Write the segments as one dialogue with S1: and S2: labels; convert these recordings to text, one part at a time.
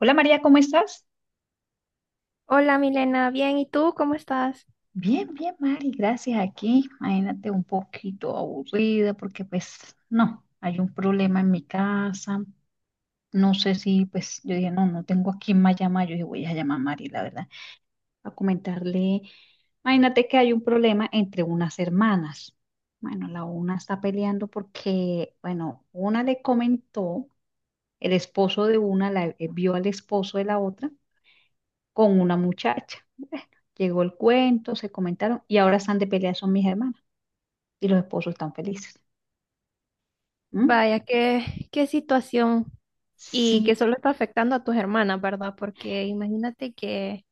S1: Hola María, ¿cómo estás?
S2: Hola Milena, bien, ¿y tú cómo estás?
S1: Bien, bien, Mari, gracias. Aquí, imagínate un poquito aburrida porque pues no, hay un problema en mi casa. No sé si pues yo dije, no, no tengo a quién más llamar. Yo dije, voy a llamar a Mari, la verdad, a comentarle. Imagínate que hay un problema entre unas hermanas. Bueno, la una está peleando porque, bueno, una le comentó, el esposo de una la, vio al esposo de la otra con una muchacha. Llegó el cuento, se comentaron y ahora están de pelea, son mis hermanas y los esposos están felices. ¿Mm?
S2: Vaya, qué situación, y que
S1: Sí,
S2: solo está afectando a tus hermanas, ¿verdad? Porque imagínate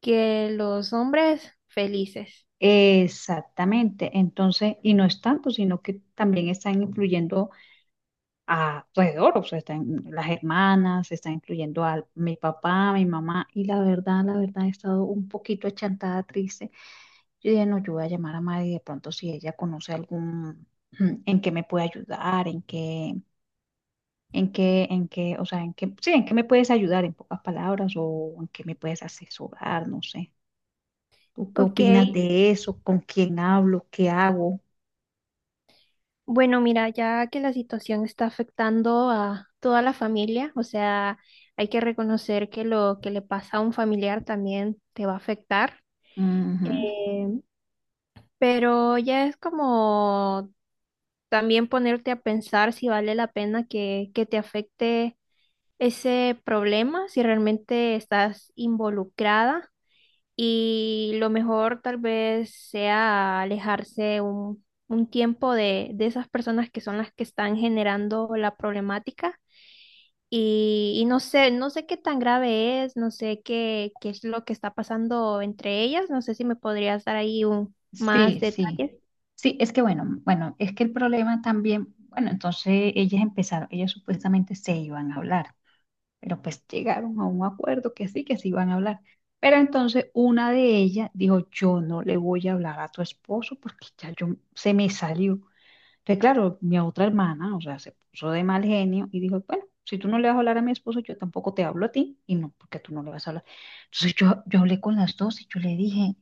S2: que los hombres felices.
S1: exactamente. Entonces, y no es tanto, sino que también están influyendo a alrededor, o sea, están las hermanas, están influyendo a mi papá, mi mamá, y la verdad, he estado un poquito achantada, triste. Yo dije, no, yo voy a llamar a Mari de pronto si ella conoce algún, en qué me puede ayudar, en qué ¿En qué, en qué, o sea, en qué, sí, en qué me puedes ayudar en pocas palabras o en qué me puedes asesorar? No sé. ¿Tú qué
S2: Ok,
S1: opinas de eso? ¿Con quién hablo? ¿Qué hago?
S2: bueno, mira, ya que la situación está afectando a toda la familia, o sea, hay que reconocer que lo que le pasa a un familiar también te va a afectar.
S1: Ujú.
S2: Em, pero ya es como también ponerte a pensar si vale la pena que te afecte ese problema, si realmente estás involucrada y lo mejor tal vez sea alejarse un tiempo de esas personas que son las que están generando la problemática. Y no sé, no sé qué tan grave es, no sé qué es lo que está pasando entre ellas, no sé si me podrías dar ahí un más
S1: Sí, sí.
S2: detalles.
S1: Sí, es que bueno, bueno, es que el problema también, bueno, entonces ellas empezaron, ellas supuestamente se iban a hablar, pero pues llegaron a un acuerdo que sí, que se iban a hablar. Pero entonces una de ellas dijo, yo no le voy a hablar a tu esposo porque ya yo se me salió. Entonces, claro, mi otra hermana, o sea, se puso de mal genio y dijo, bueno, si tú no le vas a hablar a mi esposo, yo tampoco te hablo a ti, y no, porque tú no le vas a hablar. Entonces yo hablé con las dos y yo le dije,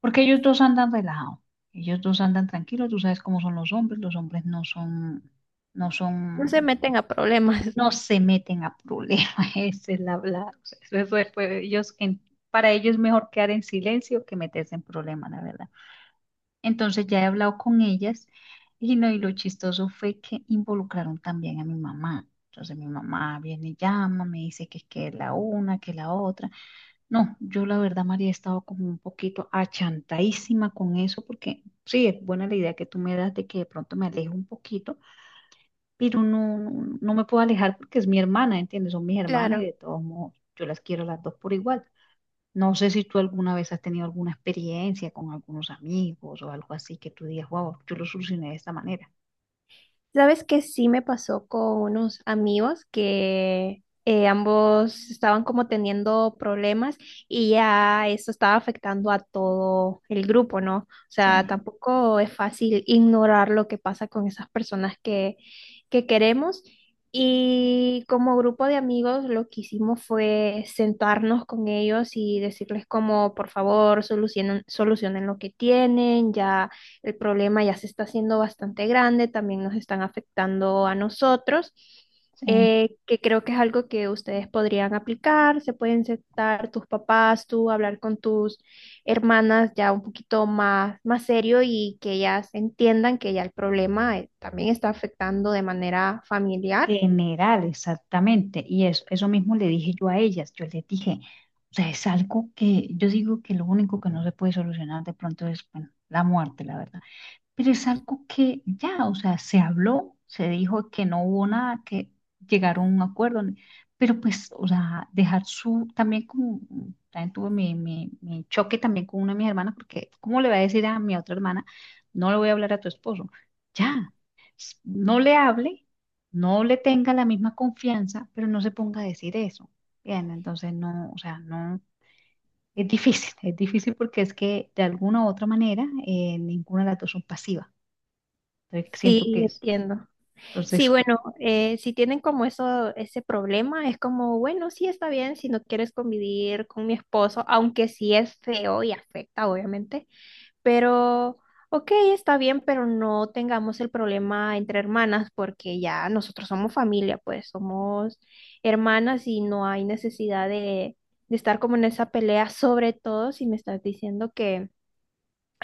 S1: porque ellos dos andan relajados, ellos dos andan tranquilos, tú sabes cómo son los hombres no son, no
S2: No se
S1: son,
S2: meten a problemas.
S1: no se meten a problemas, esa es la, o sea, eso es, pues, ellos, para ellos es mejor quedar en silencio que meterse en problemas, la verdad. Entonces ya he hablado con ellas y, no, y lo chistoso fue que involucraron también a mi mamá. Entonces mi mamá viene y llama, me dice que la una, que la otra. No, yo la verdad, María, he estado como un poquito achantadísima con eso porque sí, es buena la idea que tú me das de que de pronto me aleje un poquito, pero no, me puedo alejar porque es mi hermana, ¿entiendes? Son mis hermanas y
S2: Claro.
S1: de todos modos yo las quiero las dos por igual. No sé si tú alguna vez has tenido alguna experiencia con algunos amigos o algo así que tú digas, wow, yo lo solucioné de esta manera.
S2: Sabes que sí me pasó con unos amigos que ambos estaban como teniendo problemas y ya eso estaba afectando a todo el grupo, ¿no? O sea,
S1: Sí,
S2: tampoco es fácil ignorar lo que pasa con esas personas que queremos. Y como grupo de amigos, lo que hicimos fue sentarnos con ellos y decirles como, por favor, solucionen lo que tienen, ya. El problema ya se está haciendo bastante grande, también nos están afectando a nosotros,
S1: sí.
S2: que creo que es algo que ustedes podrían aplicar, se pueden sentar tus papás, tú hablar con tus hermanas ya un poquito más, más serio y que ellas entiendan que ya el problema también está afectando de manera familiar.
S1: General, exactamente. Y eso mismo le dije yo a ellas. Yo les dije, o sea, es algo que yo digo que lo único que no se puede solucionar de pronto es, bueno, la muerte, la verdad. Pero es algo que ya, o sea, se habló, se dijo que no hubo nada, que llegaron a un acuerdo, pero pues, o sea, dejar su, también como, también tuve mi, mi choque también con una de mis hermanas, porque ¿cómo le voy a decir a mi otra hermana, no le voy a hablar a tu esposo? Ya, no le hable, no le tenga la misma confianza, pero no se ponga a decir eso. Bien, entonces no, o sea, no. Es difícil porque es que de alguna u otra manera ninguna de las dos son pasivas. Entonces, siento
S2: Sí,
S1: que es.
S2: entiendo. Sí,
S1: Entonces,
S2: bueno, si tienen como eso, ese problema, es como, bueno, sí está bien si no quieres convivir con mi esposo, aunque sí es feo y afecta, obviamente, pero, ok, está bien, pero no tengamos el problema entre hermanas porque ya nosotros somos familia, pues somos hermanas y no hay necesidad de estar como en esa pelea, sobre todo si me estás diciendo que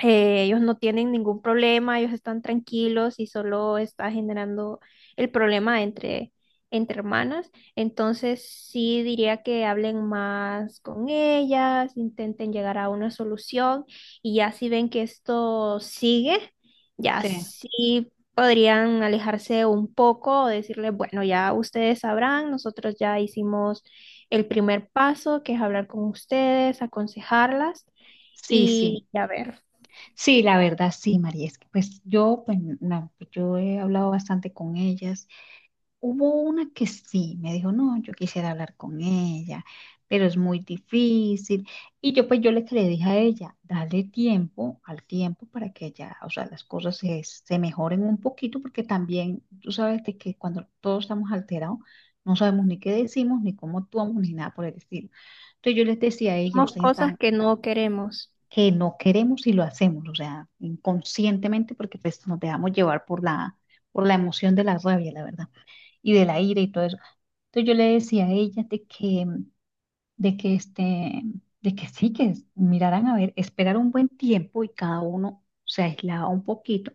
S2: ellos no tienen ningún problema, ellos están tranquilos y solo está generando el problema entre hermanas. Entonces sí diría que hablen más con ellas, intenten llegar a una solución y ya si ven que esto sigue, ya
S1: sí.
S2: sí podrían alejarse un poco o decirle, bueno, ya ustedes sabrán, nosotros ya hicimos el primer paso, que es hablar con ustedes, aconsejarlas
S1: Sí, sí.
S2: y ya ver.
S1: Sí, la verdad, sí, María. Es que pues yo, pues, yo he hablado bastante con ellas. Hubo una que sí, me dijo, no, yo quisiera hablar con ella, pero es muy difícil. Y yo pues yo le, que le dije a ella, dale tiempo al tiempo para que ella, o sea, las cosas se, se mejoren un poquito, porque también tú sabes de que cuando todos estamos alterados, no sabemos ni qué decimos, ni cómo actuamos, ni nada por el estilo. Entonces yo les decía a ella,
S2: Hacemos
S1: ustedes
S2: cosas
S1: están
S2: que no queremos.
S1: que no queremos y lo hacemos, o sea, inconscientemente, porque pues nos dejamos llevar por la emoción de la rabia, la verdad y de la ira y todo eso. Entonces yo le decía a ella de que este, de que sí, que miraran a ver, esperar un buen tiempo y cada uno se aislaba un poquito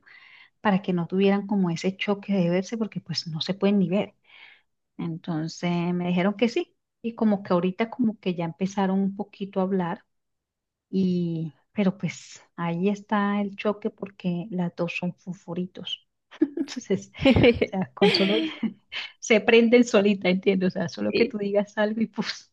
S1: para que no tuvieran como ese choque de verse porque pues no se pueden ni ver. Entonces me dijeron que sí y como que ahorita como que ya empezaron un poquito a hablar y, pero pues ahí está el choque porque las dos son fosforitos. Entonces, o sea, con solo se prenden solita, entiendo. O sea, solo que tú
S2: Sí.
S1: digas algo y pues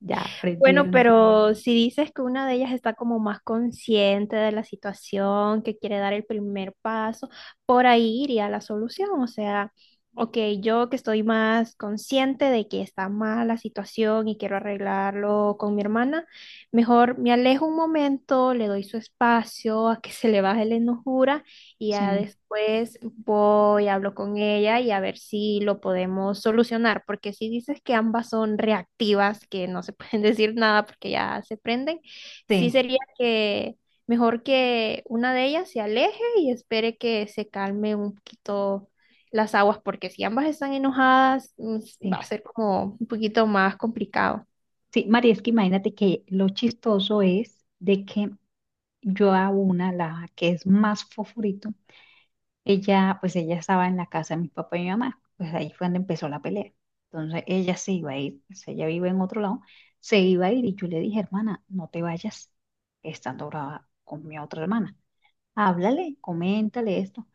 S1: ya
S2: Bueno,
S1: prendieron.
S2: pero si dices que una de ellas está como más consciente de la situación, que quiere dar el primer paso, por ahí iría la solución. O sea, ok, yo que estoy más consciente de que está mal la situación y quiero arreglarlo con mi hermana, mejor me alejo un momento, le doy su espacio a que se le baje la enojura. Y ya
S1: Sí,
S2: después voy, hablo con ella y a ver si lo podemos solucionar, porque si dices que ambas son reactivas, que no se pueden decir nada porque ya se prenden, sí
S1: sí,
S2: sería que mejor que una de ellas se aleje y espere que se calme un poquito las aguas, porque si ambas están enojadas,
S1: sí.
S2: va a ser como un poquito más complicado.
S1: Sí, María, es que imagínate que lo chistoso es de que yo a una, la que es más fofurito, ella, pues ella estaba en la casa de mi papá y mi mamá. Pues ahí fue donde empezó la pelea. Entonces ella se iba a ir, pues, ella vive en otro lado, se iba a ir y yo le dije, hermana, no te vayas, estando brava con mi otra hermana. Háblale, coméntale esto.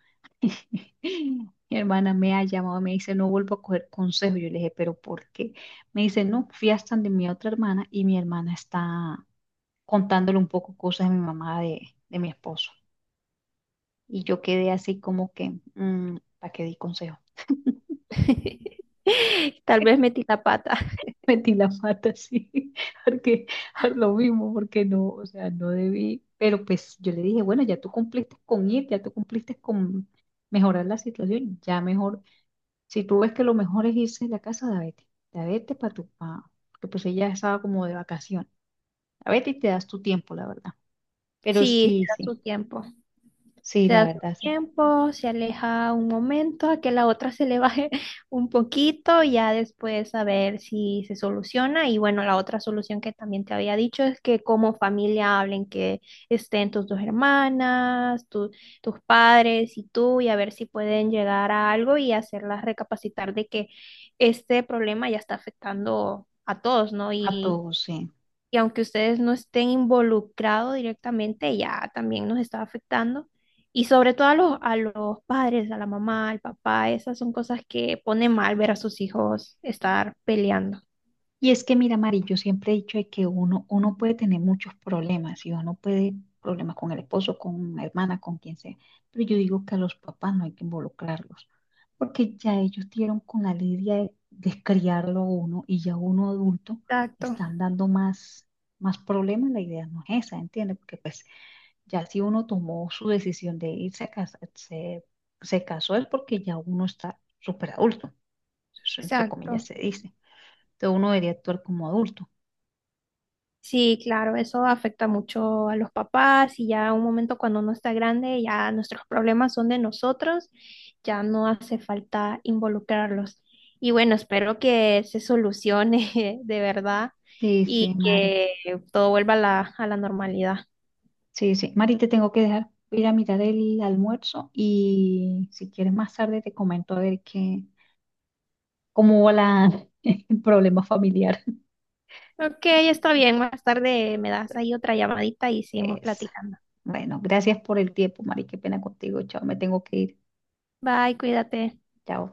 S1: Mi hermana me ha llamado, me dice, no vuelvo a coger consejo. Yo le dije, ¿pero por qué? Me dice, no, fui hasta de mi otra hermana y mi hermana está contándole un poco cosas de mi mamá, de mi esposo. Y yo quedé así como que, ¿para qué di consejo?
S2: Tal vez metí la pata.
S1: Metí la pata así, porque por lo mismo, porque no, o sea, no debí. Pero pues yo le dije, bueno, ya tú cumpliste con ir, ya tú cumpliste con mejorar la situación, ya mejor si tú ves que lo mejor es irse de la casa de Betty para tu pa, que pues ella estaba como de vacación. A Betty te das tu tiempo, la verdad. Pero
S2: Sí,
S1: sí,
S2: será su
S1: sí,
S2: tiempo.
S1: sí,
S2: Se
S1: la
S2: da su
S1: verdad, sí.
S2: tiempo, se aleja un momento, a que la otra se le baje un poquito, y ya después a ver si se soluciona. Y bueno, la otra solución que también te había dicho es que como familia hablen, que estén tus dos hermanas, tus padres y tú, y a ver si pueden llegar a algo y hacerlas recapacitar de que este problema ya está afectando a todos, ¿no?,
S1: A todos, sí.
S2: y aunque ustedes no estén involucrados directamente, ya también nos está afectando. Y sobre todo a a los padres, a la mamá, al papá, esas son cosas que pone mal ver a sus hijos estar peleando.
S1: Y es que, mira, Mari, yo siempre he dicho de que uno, uno puede tener muchos problemas y uno puede problemas con el esposo, con la hermana, con quien sea, pero yo digo que a los papás no hay que involucrarlos, porque ya ellos dieron con la lidia de criarlo a uno y ya uno adulto
S2: Exacto,
S1: están dando más, más problemas, la idea no es esa, ¿entiendes? Porque pues ya si uno tomó su decisión de irse a casa, se casó es porque ya uno está súper adulto, eso entre comillas
S2: exacto.
S1: se dice. Entonces uno debería actuar como adulto.
S2: Sí, claro, eso afecta mucho a los papás y ya un momento cuando uno está grande, ya nuestros problemas son de nosotros, ya no hace falta involucrarlos. Y bueno, espero que se solucione de verdad
S1: Sí, sí,
S2: y
S1: Mari.
S2: que todo vuelva a a la normalidad.
S1: Sí, sí. Mari, te tengo que dejar. Voy a ir a mirar el almuerzo y si quieres más tarde te comento a ver qué, cómo va la, el problema familiar.
S2: Ok, está bien, más tarde me das ahí otra llamadita y seguimos
S1: Eso.
S2: platicando.
S1: Bueno, gracias por el tiempo, Mari. Qué pena contigo. Chao, me tengo que ir.
S2: Bye, cuídate.
S1: Chao.